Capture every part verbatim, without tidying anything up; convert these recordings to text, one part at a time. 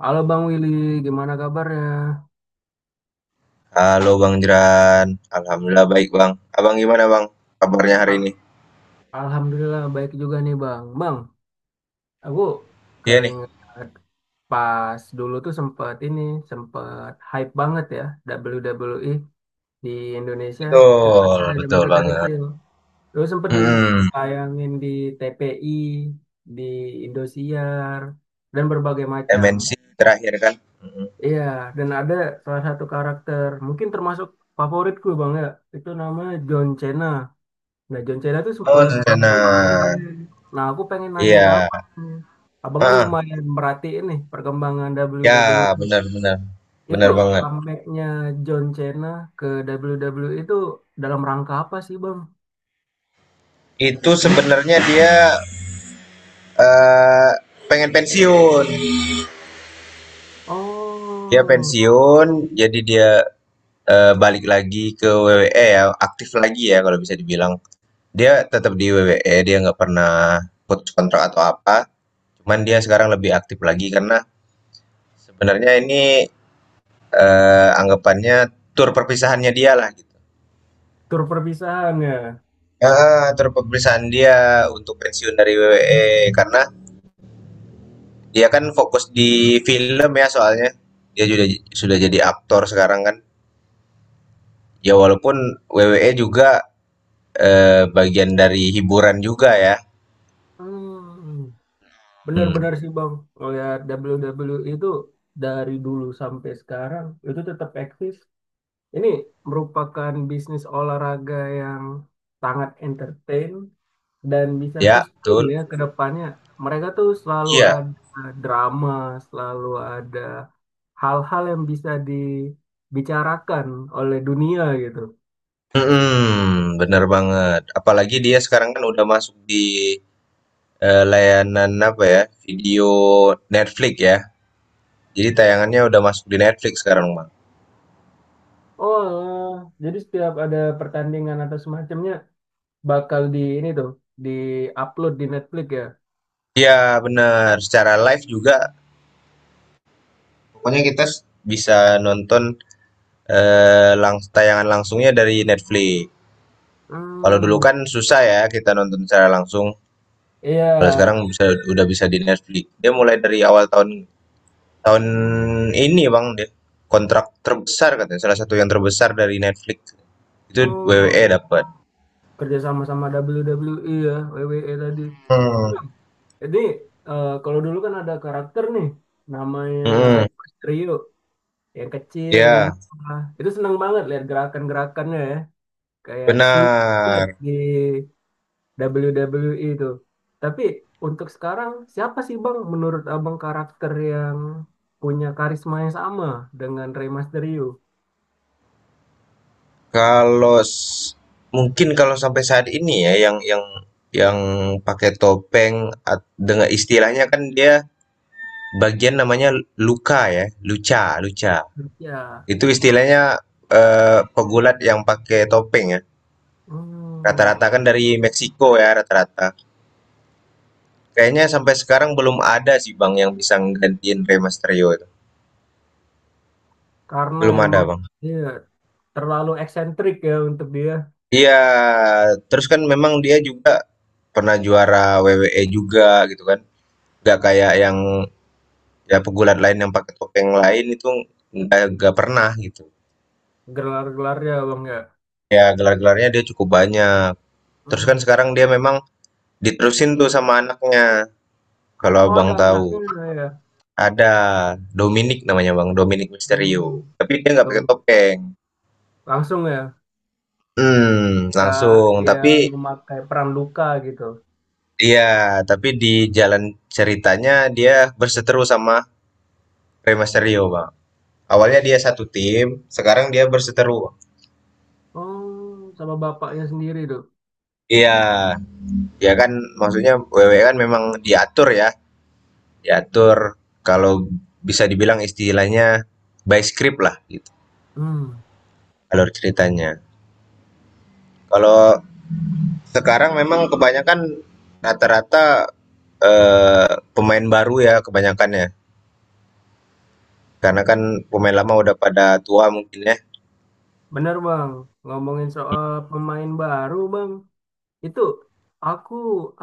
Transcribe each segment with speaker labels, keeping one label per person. Speaker 1: Halo Bang Willy, gimana kabarnya?
Speaker 2: Halo Bang Jeran, alhamdulillah baik Bang. Abang gimana Bang? Kabarnya hari
Speaker 1: A-
Speaker 2: ini?
Speaker 1: Alhamdulillah baik juga nih Bang. Bang, aku
Speaker 2: Iya nih,
Speaker 1: keinget pas dulu tuh sempet ini, sempet hype banget ya W W E di Indonesia. Itu pas
Speaker 2: betul,
Speaker 1: kita zaman
Speaker 2: betul
Speaker 1: kita
Speaker 2: banget.
Speaker 1: kecil. Terus sempet
Speaker 2: Hmm,
Speaker 1: ditayangin di T P I, di Indosiar, dan berbagai macam.
Speaker 2: M N C terakhir kan? Mm.
Speaker 1: Iya, dan ada salah satu karakter, mungkin termasuk favoritku Bang ya, itu namanya John Cena. Nah, John Cena tuh
Speaker 2: Oh,
Speaker 1: super capek
Speaker 2: rencana.
Speaker 1: kemarin. Nah, aku pengen nanya ke
Speaker 2: Iya,
Speaker 1: abang. Abang kan
Speaker 2: ah,
Speaker 1: lumayan merhatiin nih perkembangan
Speaker 2: ya
Speaker 1: W W E.
Speaker 2: benar-benar,
Speaker 1: Itu
Speaker 2: benar banget.
Speaker 1: comeback-nya John Cena ke W W E itu dalam rangka apa sih, Bang?
Speaker 2: Itu sebenarnya dia eh, pengen pensiun. Dia
Speaker 1: Oh,
Speaker 2: pensiun, jadi dia eh, balik lagi ke W W E ya, aktif lagi ya kalau bisa dibilang. Dia tetap di W W E, dia nggak pernah putus kontrak atau apa. Cuman dia sekarang lebih aktif lagi karena sebenarnya ini eh, anggapannya tur perpisahannya dia lah gitu.
Speaker 1: tur perpisahan ya.
Speaker 2: Ah, tur perpisahan dia untuk pensiun dari W W E karena dia kan fokus di film ya soalnya. Dia sudah sudah jadi aktor sekarang kan. Ya walaupun W W E juga eh, bagian dari hiburan juga ya.
Speaker 1: Hmm,
Speaker 2: Hmm.
Speaker 1: benar-benar sih, Bang. Ngeliat W W E itu dari dulu sampai sekarang itu tetap eksis. Ini merupakan bisnis olahraga yang sangat entertain dan bisa
Speaker 2: Ya,
Speaker 1: sustain
Speaker 2: betul.
Speaker 1: ya ke depannya. Mereka tuh selalu
Speaker 2: Iya.
Speaker 1: ada drama, selalu ada hal-hal yang bisa dibicarakan oleh dunia gitu.
Speaker 2: Mhm, bener banget. Apalagi dia sekarang kan udah masuk di, eee, layanan apa ya, video Netflix ya. Jadi tayangannya udah masuk di Netflix sekarang, Bang.
Speaker 1: Oh, jadi setiap ada pertandingan atau semacamnya bakal di ini tuh di-upload di Netflix ya.
Speaker 2: Iya, bener, secara live juga pokoknya kita s bisa nonton, eee, langs tayangan langsungnya dari Netflix. Kalau dulu
Speaker 1: Hmm,
Speaker 2: kan susah ya kita nonton secara langsung, kalau sekarang
Speaker 1: iya.
Speaker 2: bisa udah bisa di Netflix. Dia mulai dari awal tahun tahun ini, Bang, dia kontrak terbesar katanya, salah satu yang terbesar dari Netflix. Itu weweké
Speaker 1: Oh,
Speaker 2: dapat.
Speaker 1: kerja sama sama W W E ya, W W E tadi.
Speaker 2: Hmm.
Speaker 1: Nah, jadi eh, kalau dulu kan ada karakter nih namanya Rey
Speaker 2: Mhm,
Speaker 1: Mysterio yang kecil,
Speaker 2: iya,
Speaker 1: lincah. Itu seneng banget lihat gerakan-gerakannya ya. Kayak seni banget
Speaker 2: benar.
Speaker 1: di W W E itu. Tapi untuk sekarang siapa sih Bang menurut Abang karakter yang punya karisma yang sama dengan Rey Mysterio?
Speaker 2: Kalau s Mungkin kalau sampai saat ini ya yang yang yang pakai topeng, at dengan istilahnya kan dia bagian namanya luka ya, luca, luca.
Speaker 1: Ya,
Speaker 2: Itu istilahnya eh, pegulat yang pakai topeng ya. Rata-rata
Speaker 1: hmm,
Speaker 2: kan dari Meksiko ya rata-rata. Kayaknya sampai sekarang belum ada sih Bang yang bisa nggantiin Rey Mysterio itu.
Speaker 1: karena
Speaker 2: Belum ada
Speaker 1: emang
Speaker 2: Bang.
Speaker 1: dia terlalu eksentrik ya untuk dia
Speaker 2: Iya, terus kan memang dia juga pernah juara W W E juga gitu kan. Nggak kayak yang ya pegulat lain yang pakai topeng lain itu nggak nggak pernah gitu.
Speaker 1: gelar-gelarnya Bang ya.
Speaker 2: Ya gelar-gelarnya dia cukup banyak. Terus kan
Speaker 1: Hmm.
Speaker 2: sekarang dia memang diterusin tuh sama anaknya. Kalau
Speaker 1: Oh,
Speaker 2: abang
Speaker 1: ada anaknya
Speaker 2: tahu,
Speaker 1: ya.
Speaker 2: ada Dominic namanya bang, Dominic Mysterio.
Speaker 1: Belum,
Speaker 2: Tapi dia nggak pakai
Speaker 1: belum
Speaker 2: topeng.
Speaker 1: langsung ya,
Speaker 2: Hmm,
Speaker 1: nggak,
Speaker 2: langsung.
Speaker 1: dia
Speaker 2: Tapi
Speaker 1: memakai peran luka gitu.
Speaker 2: iya, tapi di jalan ceritanya dia berseteru sama Rey Mysterio bang. Awalnya dia satu tim, sekarang dia berseteru.
Speaker 1: Oh, sama bapaknya sendiri tuh.
Speaker 2: Iya, ya kan maksudnya W W E kan memang diatur ya, diatur kalau bisa dibilang istilahnya by script lah gitu,
Speaker 1: hmm
Speaker 2: alur ceritanya. Kalau sekarang memang kebanyakan rata-rata eh, pemain baru ya kebanyakannya, karena kan pemain lama udah pada tua mungkin ya.
Speaker 1: Bener bang, ngomongin soal pemain baru bang, itu aku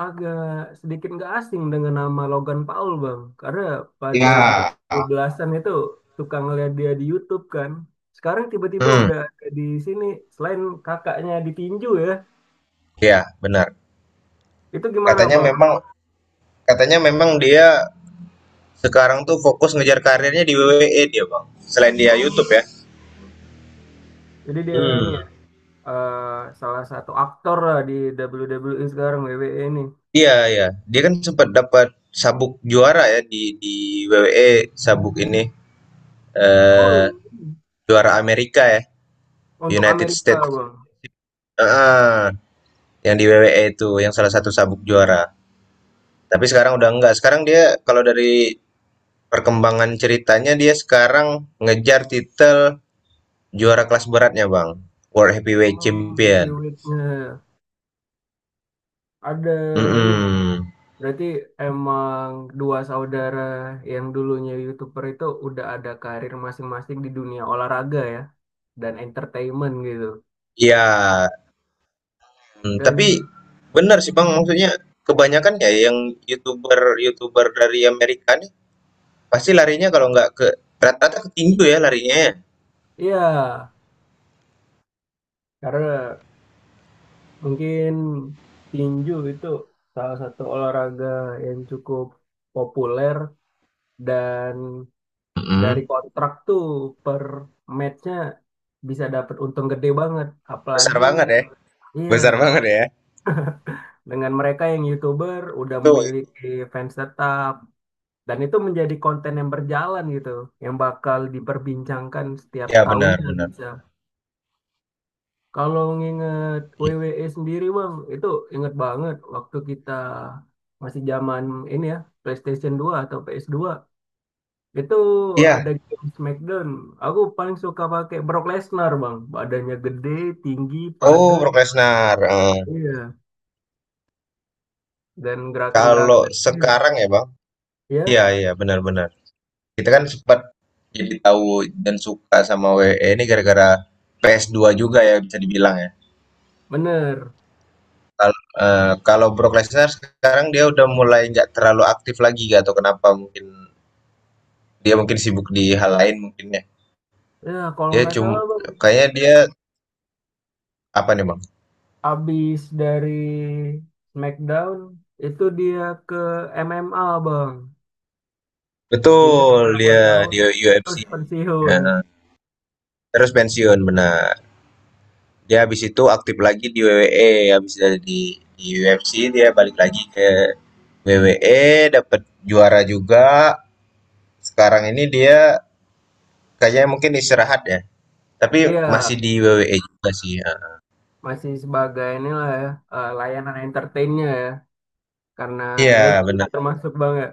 Speaker 1: agak sedikit nggak asing dengan nama Logan Paul bang, karena pada
Speaker 2: Ya.
Speaker 1: dua ribu dua belasan-an itu suka ngeliat dia di YouTube kan. Sekarang tiba-tiba
Speaker 2: Hmm,
Speaker 1: udah ada di sini, selain kakaknya ditinju ya,
Speaker 2: iya benar.
Speaker 1: itu gimana
Speaker 2: Katanya
Speaker 1: bang?
Speaker 2: memang katanya memang dia sekarang tuh fokus ngejar karirnya di W W E dia, Bang. Selain dia
Speaker 1: Oh,
Speaker 2: YouTube ya.
Speaker 1: jadi dia ini,
Speaker 2: Hmm.
Speaker 1: eh, salah satu aktor lah di W W E sekarang, W W E ini.
Speaker 2: Iya, iya. Dia kan sempat dapat sabuk juara ya di di W W E, sabuk ini eh
Speaker 1: Oh,
Speaker 2: juara Amerika ya,
Speaker 1: untuk
Speaker 2: United
Speaker 1: Amerika
Speaker 2: States.
Speaker 1: bang.
Speaker 2: ah yang di W W E itu yang salah satu sabuk juara. Tapi sekarang udah enggak. Sekarang dia kalau dari perkembangan ceritanya dia sekarang ngejar titel juara kelas beratnya, Bang. World Heavyweight
Speaker 1: Oh,
Speaker 2: Champion.
Speaker 1: heavyweightnya ada ini bang.
Speaker 2: Mm-mm.
Speaker 1: Berarti emang dua saudara yang dulunya YouTuber itu udah ada karir masing-masing di dunia olahraga ya dan entertainment gitu.
Speaker 2: Iya. Mmm, tapi
Speaker 1: Dan
Speaker 2: benar sih, Bang, maksudnya kebanyakan ya yang YouTuber-YouTuber dari Amerika nih pasti larinya kalau nggak ke rata-rata ke tinju ya larinya ya?
Speaker 1: iya, karena mungkin tinju itu salah satu olahraga yang cukup populer. Dan dari
Speaker 2: Mhm.
Speaker 1: kontrak tuh per matchnya bisa dapat untung gede banget.
Speaker 2: Besar
Speaker 1: Apalagi
Speaker 2: banget ya,
Speaker 1: iya,
Speaker 2: besar banget ya.
Speaker 1: dengan mereka yang YouTuber udah
Speaker 2: Itu
Speaker 1: memiliki fans tetap dan itu menjadi konten yang berjalan gitu, yang bakal diperbincangkan setiap
Speaker 2: ya benar
Speaker 1: tahunnya
Speaker 2: benar.
Speaker 1: bisa. Kalau nginget
Speaker 2: Iya
Speaker 1: W W E sendiri Bang, itu inget banget waktu kita masih zaman ini ya, PlayStation dua atau pe es dua. Itu ada
Speaker 2: iya,
Speaker 1: game SmackDown. Aku paling suka pakai Brock Lesnar, Bang. Badannya gede, tinggi,
Speaker 2: oh,
Speaker 1: padat.
Speaker 2: Brock Lesnar, heeh.
Speaker 1: Iya. Dan gerakan-gerakan.
Speaker 2: Kalau
Speaker 1: Iya.
Speaker 2: sekarang ya, Bang, iya
Speaker 1: Ya,
Speaker 2: iya, benar benar. Kita kan sempet jadi tahu dan suka sama W W E ini gara-gara ps dua juga ya bisa dibilang ya?
Speaker 1: bener.
Speaker 2: Kal eee, Kalau Brock Lesnar sekarang dia udah mulai nggak terlalu aktif lagi, nggak tahu kenapa mungkin dia mungkin sibuk di hal lain mungkin ya.
Speaker 1: Ya, kalau
Speaker 2: Dia
Speaker 1: nggak salah,
Speaker 2: cuma
Speaker 1: Bang.
Speaker 2: kayaknya dia apa nih, Bang?
Speaker 1: Abis dari SmackDown, itu dia ke M M A, Bang. Pindah
Speaker 2: Betul,
Speaker 1: berapa
Speaker 2: dia
Speaker 1: tahun,
Speaker 2: di U F C.
Speaker 1: terus pensiun.
Speaker 2: Heeh, terus pensiun, benar. Dia habis itu aktif lagi di W W E, habis dari di di U F C dia balik lagi ke W W E, dapat juara juga. Sekarang ini dia kayaknya mungkin istirahat ya, tapi
Speaker 1: Iya,
Speaker 2: masih di W W E juga sih, heeh.
Speaker 1: masih sebagai inilah ya, eh, layanan entertainnya ya. Karena
Speaker 2: Iya,
Speaker 1: legend
Speaker 2: benar.
Speaker 1: lah termasuk, Bang, ya.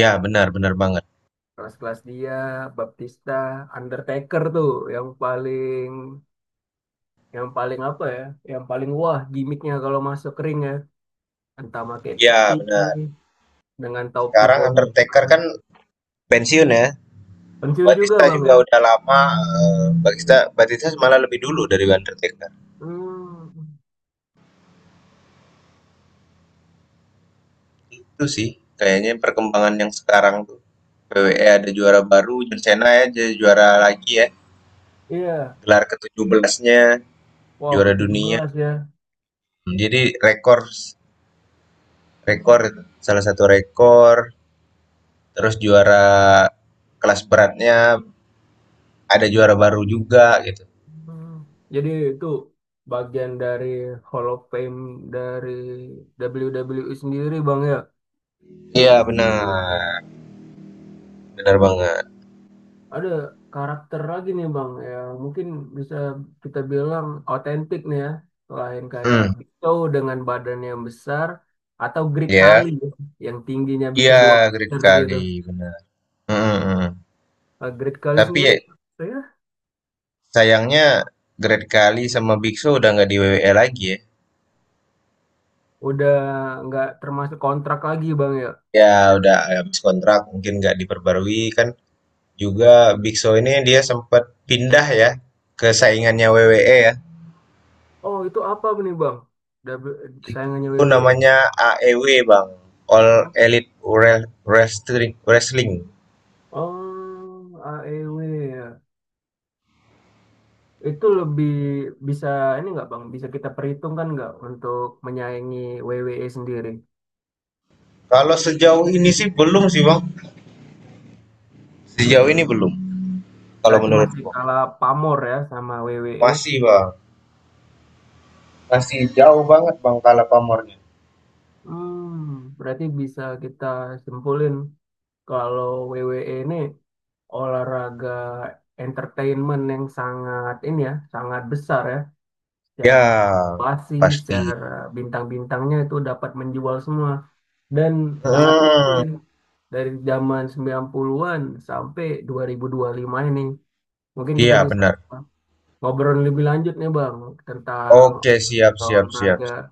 Speaker 2: Ya benar benar banget.
Speaker 1: Kelas-kelas dia Baptista, Undertaker tuh yang paling, yang paling apa ya, yang paling wah gimmicknya kalau masuk ring ya, entah pakai peti
Speaker 2: Ya benar.
Speaker 1: dengan topi
Speaker 2: Sekarang Undertaker
Speaker 1: kopan.
Speaker 2: kan pensiun ya.
Speaker 1: Pensiun juga
Speaker 2: Batista
Speaker 1: bang
Speaker 2: juga
Speaker 1: ya.
Speaker 2: udah lama, eh, Batista Batista malah lebih dulu dari Undertaker.
Speaker 1: Hmm,
Speaker 2: Itu sih kayaknya perkembangan yang sekarang tuh. W W E ada juara baru, John Cena ya jadi juara lagi ya.
Speaker 1: iya.
Speaker 2: Gelar ketujuh belasnya
Speaker 1: Wow,
Speaker 2: juara
Speaker 1: tujuh
Speaker 2: dunia.
Speaker 1: belas ya.
Speaker 2: Hmm, jadi rekor rekor salah satu rekor, terus juara kelas beratnya ada juara baru juga gitu.
Speaker 1: Hmm. Jadi itu bagian dari Hall of Fame dari W W E sendiri bang ya.
Speaker 2: Iya, benar. Benar banget.
Speaker 1: Ada karakter lagi nih Bang yang mungkin bisa kita bilang otentik nih ya. Selain kayak
Speaker 2: Hmm.
Speaker 1: Big Show dengan badan yang besar atau Great
Speaker 2: Ya,
Speaker 1: Kali ya, yang tingginya bisa
Speaker 2: iya
Speaker 1: dua
Speaker 2: Great
Speaker 1: meter gitu.
Speaker 2: Kali benar. Mm, mm.
Speaker 1: Nah, Great Kali
Speaker 2: Tapi
Speaker 1: sendiri
Speaker 2: ya,
Speaker 1: saya
Speaker 2: sayangnya Great Kali sama Bigso udah nggak di W W E lagi ya.
Speaker 1: udah nggak termasuk kontrak lagi Bang ya.
Speaker 2: Ya udah habis kontrak mungkin nggak diperbarui kan. Juga Bigso ini dia sempat pindah ya ke saingannya W W E ya.
Speaker 1: Oh, itu apa nih Bang? W- Sayangannya
Speaker 2: Itu
Speaker 1: W W E.
Speaker 2: namanya A E W Bang, All
Speaker 1: Oh,
Speaker 2: Elite Wre- Wrestling. Wrestling.
Speaker 1: oh, A E W ya. Itu lebih bisa ini nggak Bang? Bisa kita perhitungkan nggak untuk menyaingi W W E sendiri?
Speaker 2: Kalau sejauh ini sih belum sih Bang. Sejauh ini belum. Kalau
Speaker 1: Berarti masih
Speaker 2: menurutku
Speaker 1: kalah pamor ya sama W W E.
Speaker 2: masih Bang, masih jauh banget Bang Kala pamornya.
Speaker 1: Hmm, berarti bisa kita simpulin kalau W W E ini olahraga entertainment yang sangat ini ya, sangat besar ya. Secara
Speaker 2: Ya,
Speaker 1: valuasi,
Speaker 2: pasti.
Speaker 1: secara bintang-bintangnya itu dapat menjual semua. Dan sangat
Speaker 2: Hmm,
Speaker 1: sulit dari zaman sembilan puluhan-an sampai dua ribu dua ribu lima ini. Mungkin kita
Speaker 2: iya
Speaker 1: bisa
Speaker 2: benar.
Speaker 1: ngobrol lebih lanjut nih Bang tentang
Speaker 2: Oke, siap, siap, siap,
Speaker 1: olahraga
Speaker 2: siap.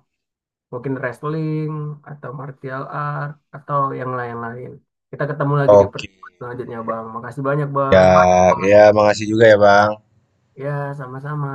Speaker 1: mungkin wrestling atau martial art atau yang lain-lain. Kita ketemu lagi di
Speaker 2: Oke.
Speaker 1: pertemuan selanjutnya, Bang. Makasih banyak,
Speaker 2: Ya,
Speaker 1: Bang.
Speaker 2: ya, makasih juga ya, Bang.
Speaker 1: Ya, sama-sama.